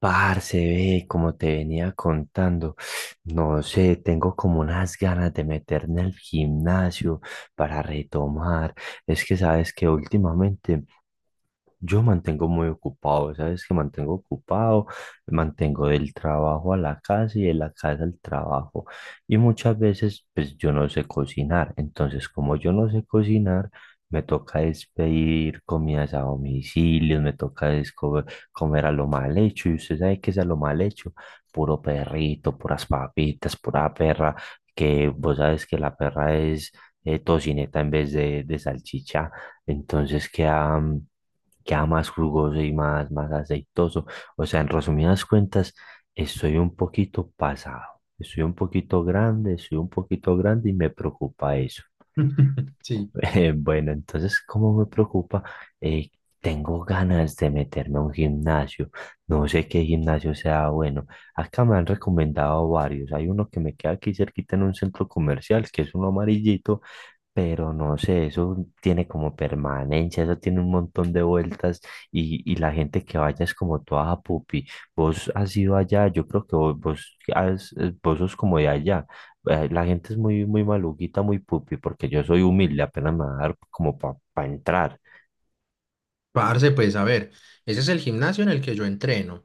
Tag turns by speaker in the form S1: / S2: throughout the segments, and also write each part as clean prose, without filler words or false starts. S1: Parce, ve, como te venía contando, no sé, tengo como unas ganas de meterme al gimnasio para retomar. Es que sabes que últimamente yo mantengo muy ocupado, ¿sabes? Que mantengo ocupado, mantengo del trabajo a la casa y de la casa al trabajo. Y muchas veces, pues yo no sé cocinar. Entonces, como yo no sé cocinar, me toca es pedir comidas a domicilio, me toca es co- comer a lo mal hecho. Y usted sabe qué es a lo mal hecho: puro perrito, puras papitas, pura perra, que vos sabes que la perra es tocineta en vez de salchicha. Entonces queda, queda más jugoso y más aceitoso. O sea, en resumidas cuentas, estoy un poquito pasado, estoy un poquito grande, estoy un poquito grande y me preocupa eso.
S2: Sí,
S1: Bueno, entonces, ¿cómo me preocupa? Eh, Tengo ganas de meterme a un gimnasio. No sé qué gimnasio sea bueno. Acá me han recomendado varios. Hay uno que me queda aquí cerquita en un centro comercial, que es uno amarillito, pero no sé, eso tiene como permanencia, eso tiene un montón de vueltas y la gente que vaya es como toda: "Ah, pupi. Vos has ido allá, yo creo que vos sos como de allá. La gente es muy maluquita, muy pupi, porque yo soy humilde, apenas me va a dar como para entrar."
S2: parce, pues a ver, ese es el gimnasio en el que yo entreno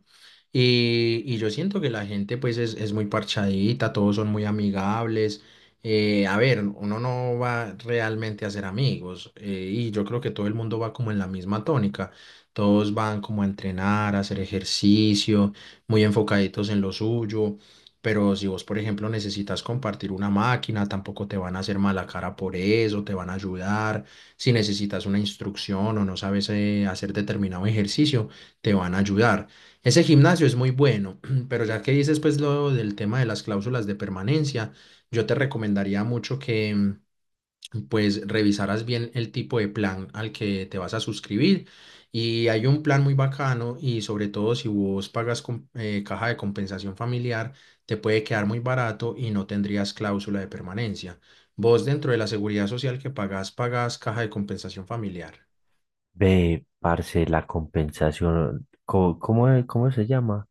S2: y yo siento que la gente pues es muy parchadita, todos son muy amigables. A ver, uno no va realmente a ser amigos y yo creo que todo el mundo va como en la misma tónica. Todos van como a entrenar, a hacer ejercicio, muy enfocaditos en lo suyo. Pero si vos, por ejemplo, necesitas compartir una máquina, tampoco te van a hacer mala cara por eso, te van a ayudar. Si necesitas una instrucción o no sabes hacer determinado ejercicio, te van a ayudar. Ese gimnasio es muy bueno, pero ya que dices pues lo del tema de las cláusulas de permanencia, yo te recomendaría mucho que pues revisarás bien el tipo de plan al que te vas a suscribir. Y hay un plan muy bacano y sobre todo si vos pagas con, caja de compensación familiar, te puede quedar muy barato y no tendrías cláusula de permanencia. Vos dentro de la seguridad social que pagás, pagás caja de compensación familiar.
S1: Ve, parce, la compensación, ¿cómo, cómo se llama?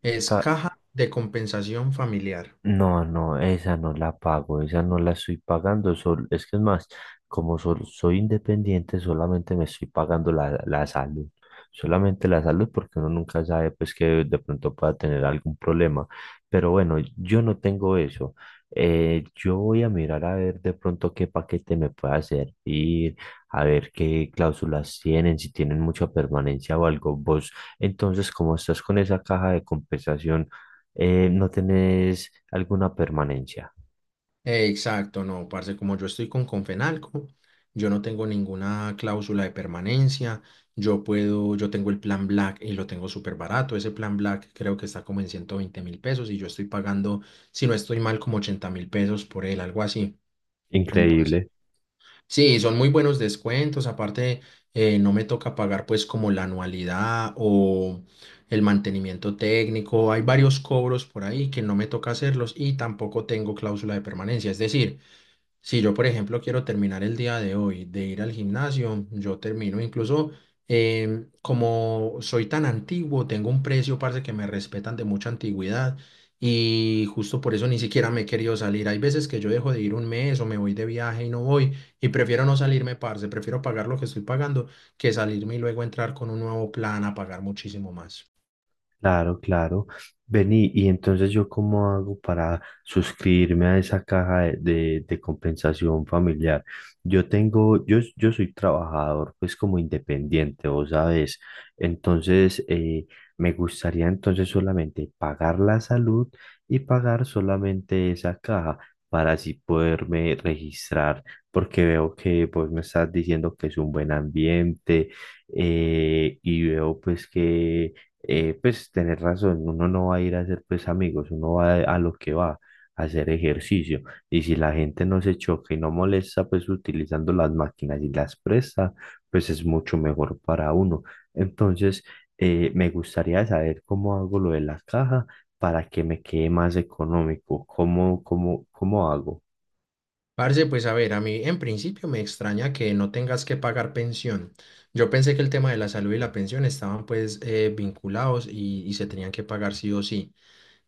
S2: Es caja de compensación familiar.
S1: No, no, esa no la pago, esa no la estoy pagando, es que es más, como soy independiente, solamente me estoy pagando la salud, solamente la salud porque uno nunca sabe pues que de pronto pueda tener algún problema, pero bueno, yo no tengo eso. Yo voy a mirar a ver de pronto qué paquete me pueda servir, a ver qué cláusulas tienen, si tienen mucha permanencia o algo. Vos, entonces, como estás con esa caja de compensación, no tenés alguna permanencia.
S2: Exacto, no, parce, como yo estoy con Confenalco, yo no tengo ninguna cláusula de permanencia, yo puedo, yo tengo el plan Black y lo tengo súper barato, ese plan Black creo que está como en 120.000 pesos y yo estoy pagando, si no estoy mal, como 80.000 pesos por él, algo así. Entonces,
S1: Increíble.
S2: sí, son muy buenos descuentos. Aparte, no me toca pagar pues como la anualidad o el mantenimiento técnico. Hay varios cobros por ahí que no me toca hacerlos y tampoco tengo cláusula de permanencia. Es decir, si yo, por ejemplo, quiero terminar el día de hoy de ir al gimnasio, yo termino. Incluso como soy tan antiguo, tengo un precio, parce, que me respetan de mucha antigüedad. Y justo por eso ni siquiera me he querido salir. Hay veces que yo dejo de ir un mes o me voy de viaje y no voy y prefiero no salirme, parce, prefiero pagar lo que estoy pagando que salirme y luego entrar con un nuevo plan a pagar muchísimo más.
S1: Claro, claro. Vení, y entonces yo cómo hago para suscribirme a esa caja de compensación familiar. Yo tengo, yo soy trabajador, pues como independiente, vos sabes. Entonces, me gustaría entonces solamente pagar la salud y pagar solamente esa caja para así poderme registrar, porque veo que pues me estás diciendo que es un buen ambiente y veo pues que pues tener razón, uno no va a ir a hacer pues amigos, uno va a lo que va, a hacer ejercicio. Y si la gente no se choca y no molesta pues utilizando las máquinas y las presta, pues es mucho mejor para uno. Entonces, me gustaría saber cómo hago lo de la caja para que me quede más económico. ¿Cómo, cómo, cómo hago?
S2: Parce, pues a ver, a mí en principio me extraña que no tengas que pagar pensión. Yo pensé que el tema de la salud y la pensión estaban pues vinculados y se tenían que pagar sí o sí.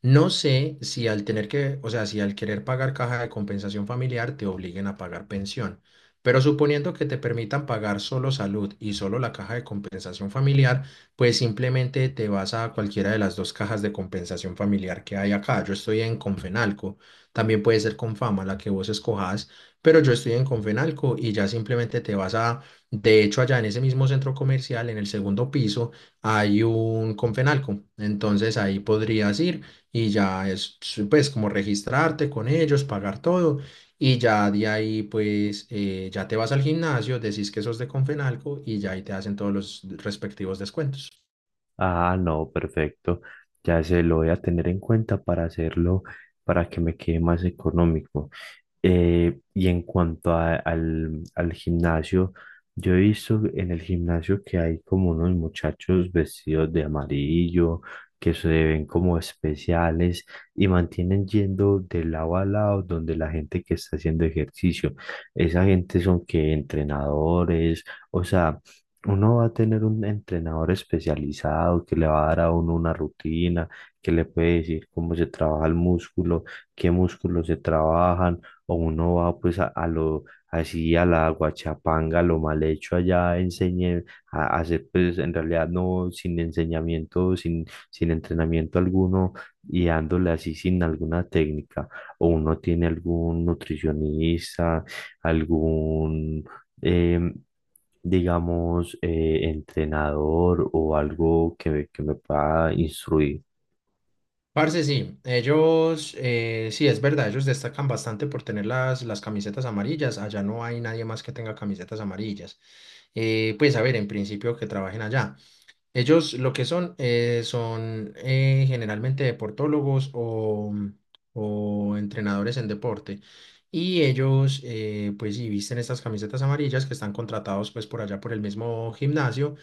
S2: No sé si al tener que, o sea, si al querer pagar caja de compensación familiar te obliguen a pagar pensión, pero suponiendo que te permitan pagar solo salud y solo la caja de compensación familiar, pues simplemente te vas a cualquiera de las dos cajas de compensación familiar que hay acá. Yo estoy en Confenalco, también puede ser Confama, la que vos escojas, pero yo estoy en Confenalco y ya simplemente te vas a, de hecho, allá en ese mismo centro comercial, en el segundo piso, hay un Confenalco, entonces ahí podrías ir y ya es pues como registrarte con ellos, pagar todo y ya de ahí pues ya te vas al gimnasio, decís que sos de Confenalco y ya ahí te hacen todos los respectivos descuentos.
S1: Ah, no, perfecto. Ya se lo voy a tener en cuenta para hacerlo, para que me quede más económico. Y en cuanto al al gimnasio, yo he visto en el gimnasio que hay como unos muchachos vestidos de amarillo, que se ven como especiales y mantienen yendo de lado a lado donde la gente que está haciendo ejercicio. Esa gente son que entrenadores, o sea, uno va a tener un entrenador especializado que le va a dar a uno una rutina, que le puede decir cómo se trabaja el músculo, qué músculos se trabajan, o uno va pues a lo así a la guachapanga, a lo mal hecho allá, enseñe a hacer pues en realidad no sin enseñamiento, sin, sin entrenamiento alguno y dándole así sin alguna técnica, o uno tiene algún nutricionista, algún... em, digamos, entrenador o algo que me pueda instruir.
S2: Parce, sí, ellos, sí, es verdad, ellos destacan bastante por tener las camisetas amarillas. Allá no hay nadie más que tenga camisetas amarillas. Pues a ver, en principio que trabajen allá. Ellos lo que son son generalmente deportólogos o entrenadores en deporte. Y ellos pues y visten estas camisetas amarillas que están contratados pues por allá por el mismo gimnasio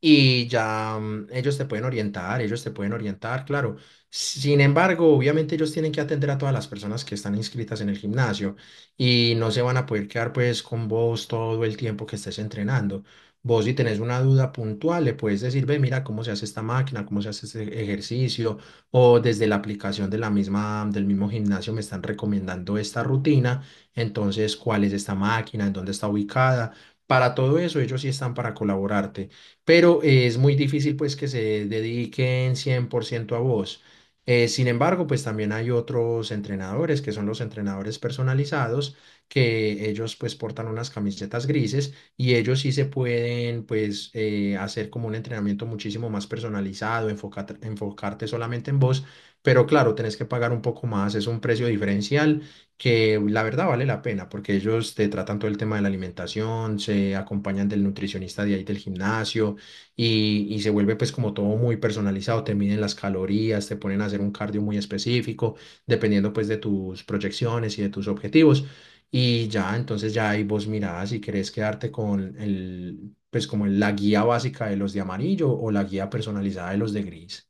S2: y ya ellos te pueden orientar, ellos te pueden orientar, claro. Sin embargo, obviamente ellos tienen que atender a todas las personas que están inscritas en el gimnasio y no se van a poder quedar pues con vos todo el tiempo que estés entrenando. Vos si tenés una duda puntual, le puedes decir, ve, mira cómo se hace esta máquina, cómo se hace este ejercicio, o desde la aplicación de la misma, del mismo gimnasio me están recomendando esta rutina, entonces, ¿cuál es esta máquina? ¿En dónde está ubicada? Para todo eso, ellos sí están para colaborarte, pero es muy difícil pues que se dediquen 100% a vos. Sin embargo, pues también hay otros entrenadores que son los entrenadores personalizados, que ellos pues portan unas camisetas grises y ellos sí se pueden pues hacer como un entrenamiento muchísimo más personalizado, enfocarte, enfocarte solamente en vos, pero claro, tenés que pagar un poco más, es un precio diferencial que la verdad vale la pena porque ellos te tratan todo el tema de la alimentación, se acompañan del nutricionista de ahí del gimnasio y se vuelve pues como todo muy personalizado, te miden las calorías, te ponen a hacer un cardio muy específico, dependiendo pues de tus proyecciones y de tus objetivos. Y ya, entonces ya ahí vos mirás si querés quedarte con el, pues como la guía básica de los de amarillo o la guía personalizada de los de gris.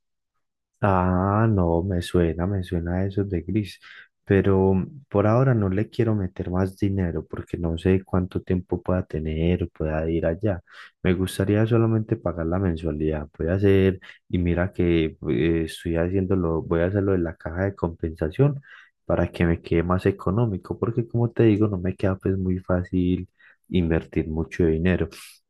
S1: Ah, no, me suena eso de gris, pero por ahora no le quiero meter más dinero porque no sé cuánto tiempo pueda tener o pueda ir allá. Me gustaría solamente pagar la mensualidad. Voy a hacer, y mira que estoy haciéndolo, voy a hacerlo en la caja de compensación para que me quede más económico, porque como te digo, no me queda pues muy fácil invertir mucho dinero.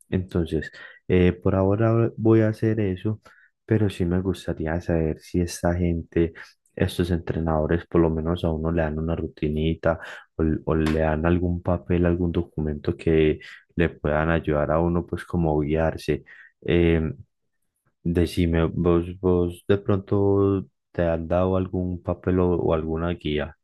S1: Entonces, por ahora voy a hacer eso. Pero sí me gustaría saber si esta gente, estos entrenadores, por lo menos a uno le dan una rutinita o le dan algún papel, algún documento que le puedan ayudar a uno, pues como guiarse. Eh, decime, vos, vos de pronto te han dado algún papel o alguna guía.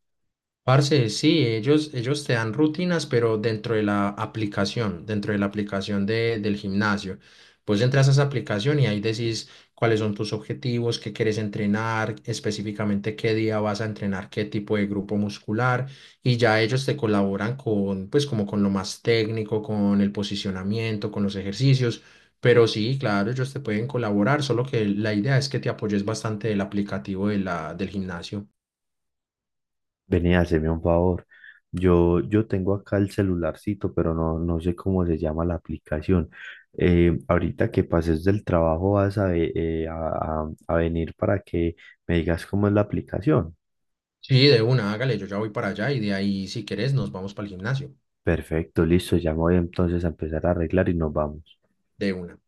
S2: Parce, sí, ellos te dan rutinas, pero dentro de la aplicación, dentro de la aplicación del gimnasio. Pues entras a esa aplicación y ahí decís cuáles son tus objetivos, qué quieres entrenar, específicamente qué día vas a entrenar, qué tipo de grupo muscular, y ya ellos te colaboran con, pues como con lo más técnico, con el posicionamiento, con los ejercicios. Pero sí, claro, ellos te pueden colaborar, solo que la idea es que te apoyes bastante del aplicativo de la, del gimnasio.
S1: Vení, haceme un favor. Yo tengo acá el celularcito, pero no, no sé cómo se llama la aplicación. Ahorita que pases del trabajo vas a, ve- a venir para que me digas cómo es la aplicación.
S2: Sí, de una, hágale, yo ya voy para allá y de ahí, si querés, nos vamos para el gimnasio.
S1: Perfecto, listo, ya me voy entonces a empezar a arreglar y nos vamos.
S2: De una.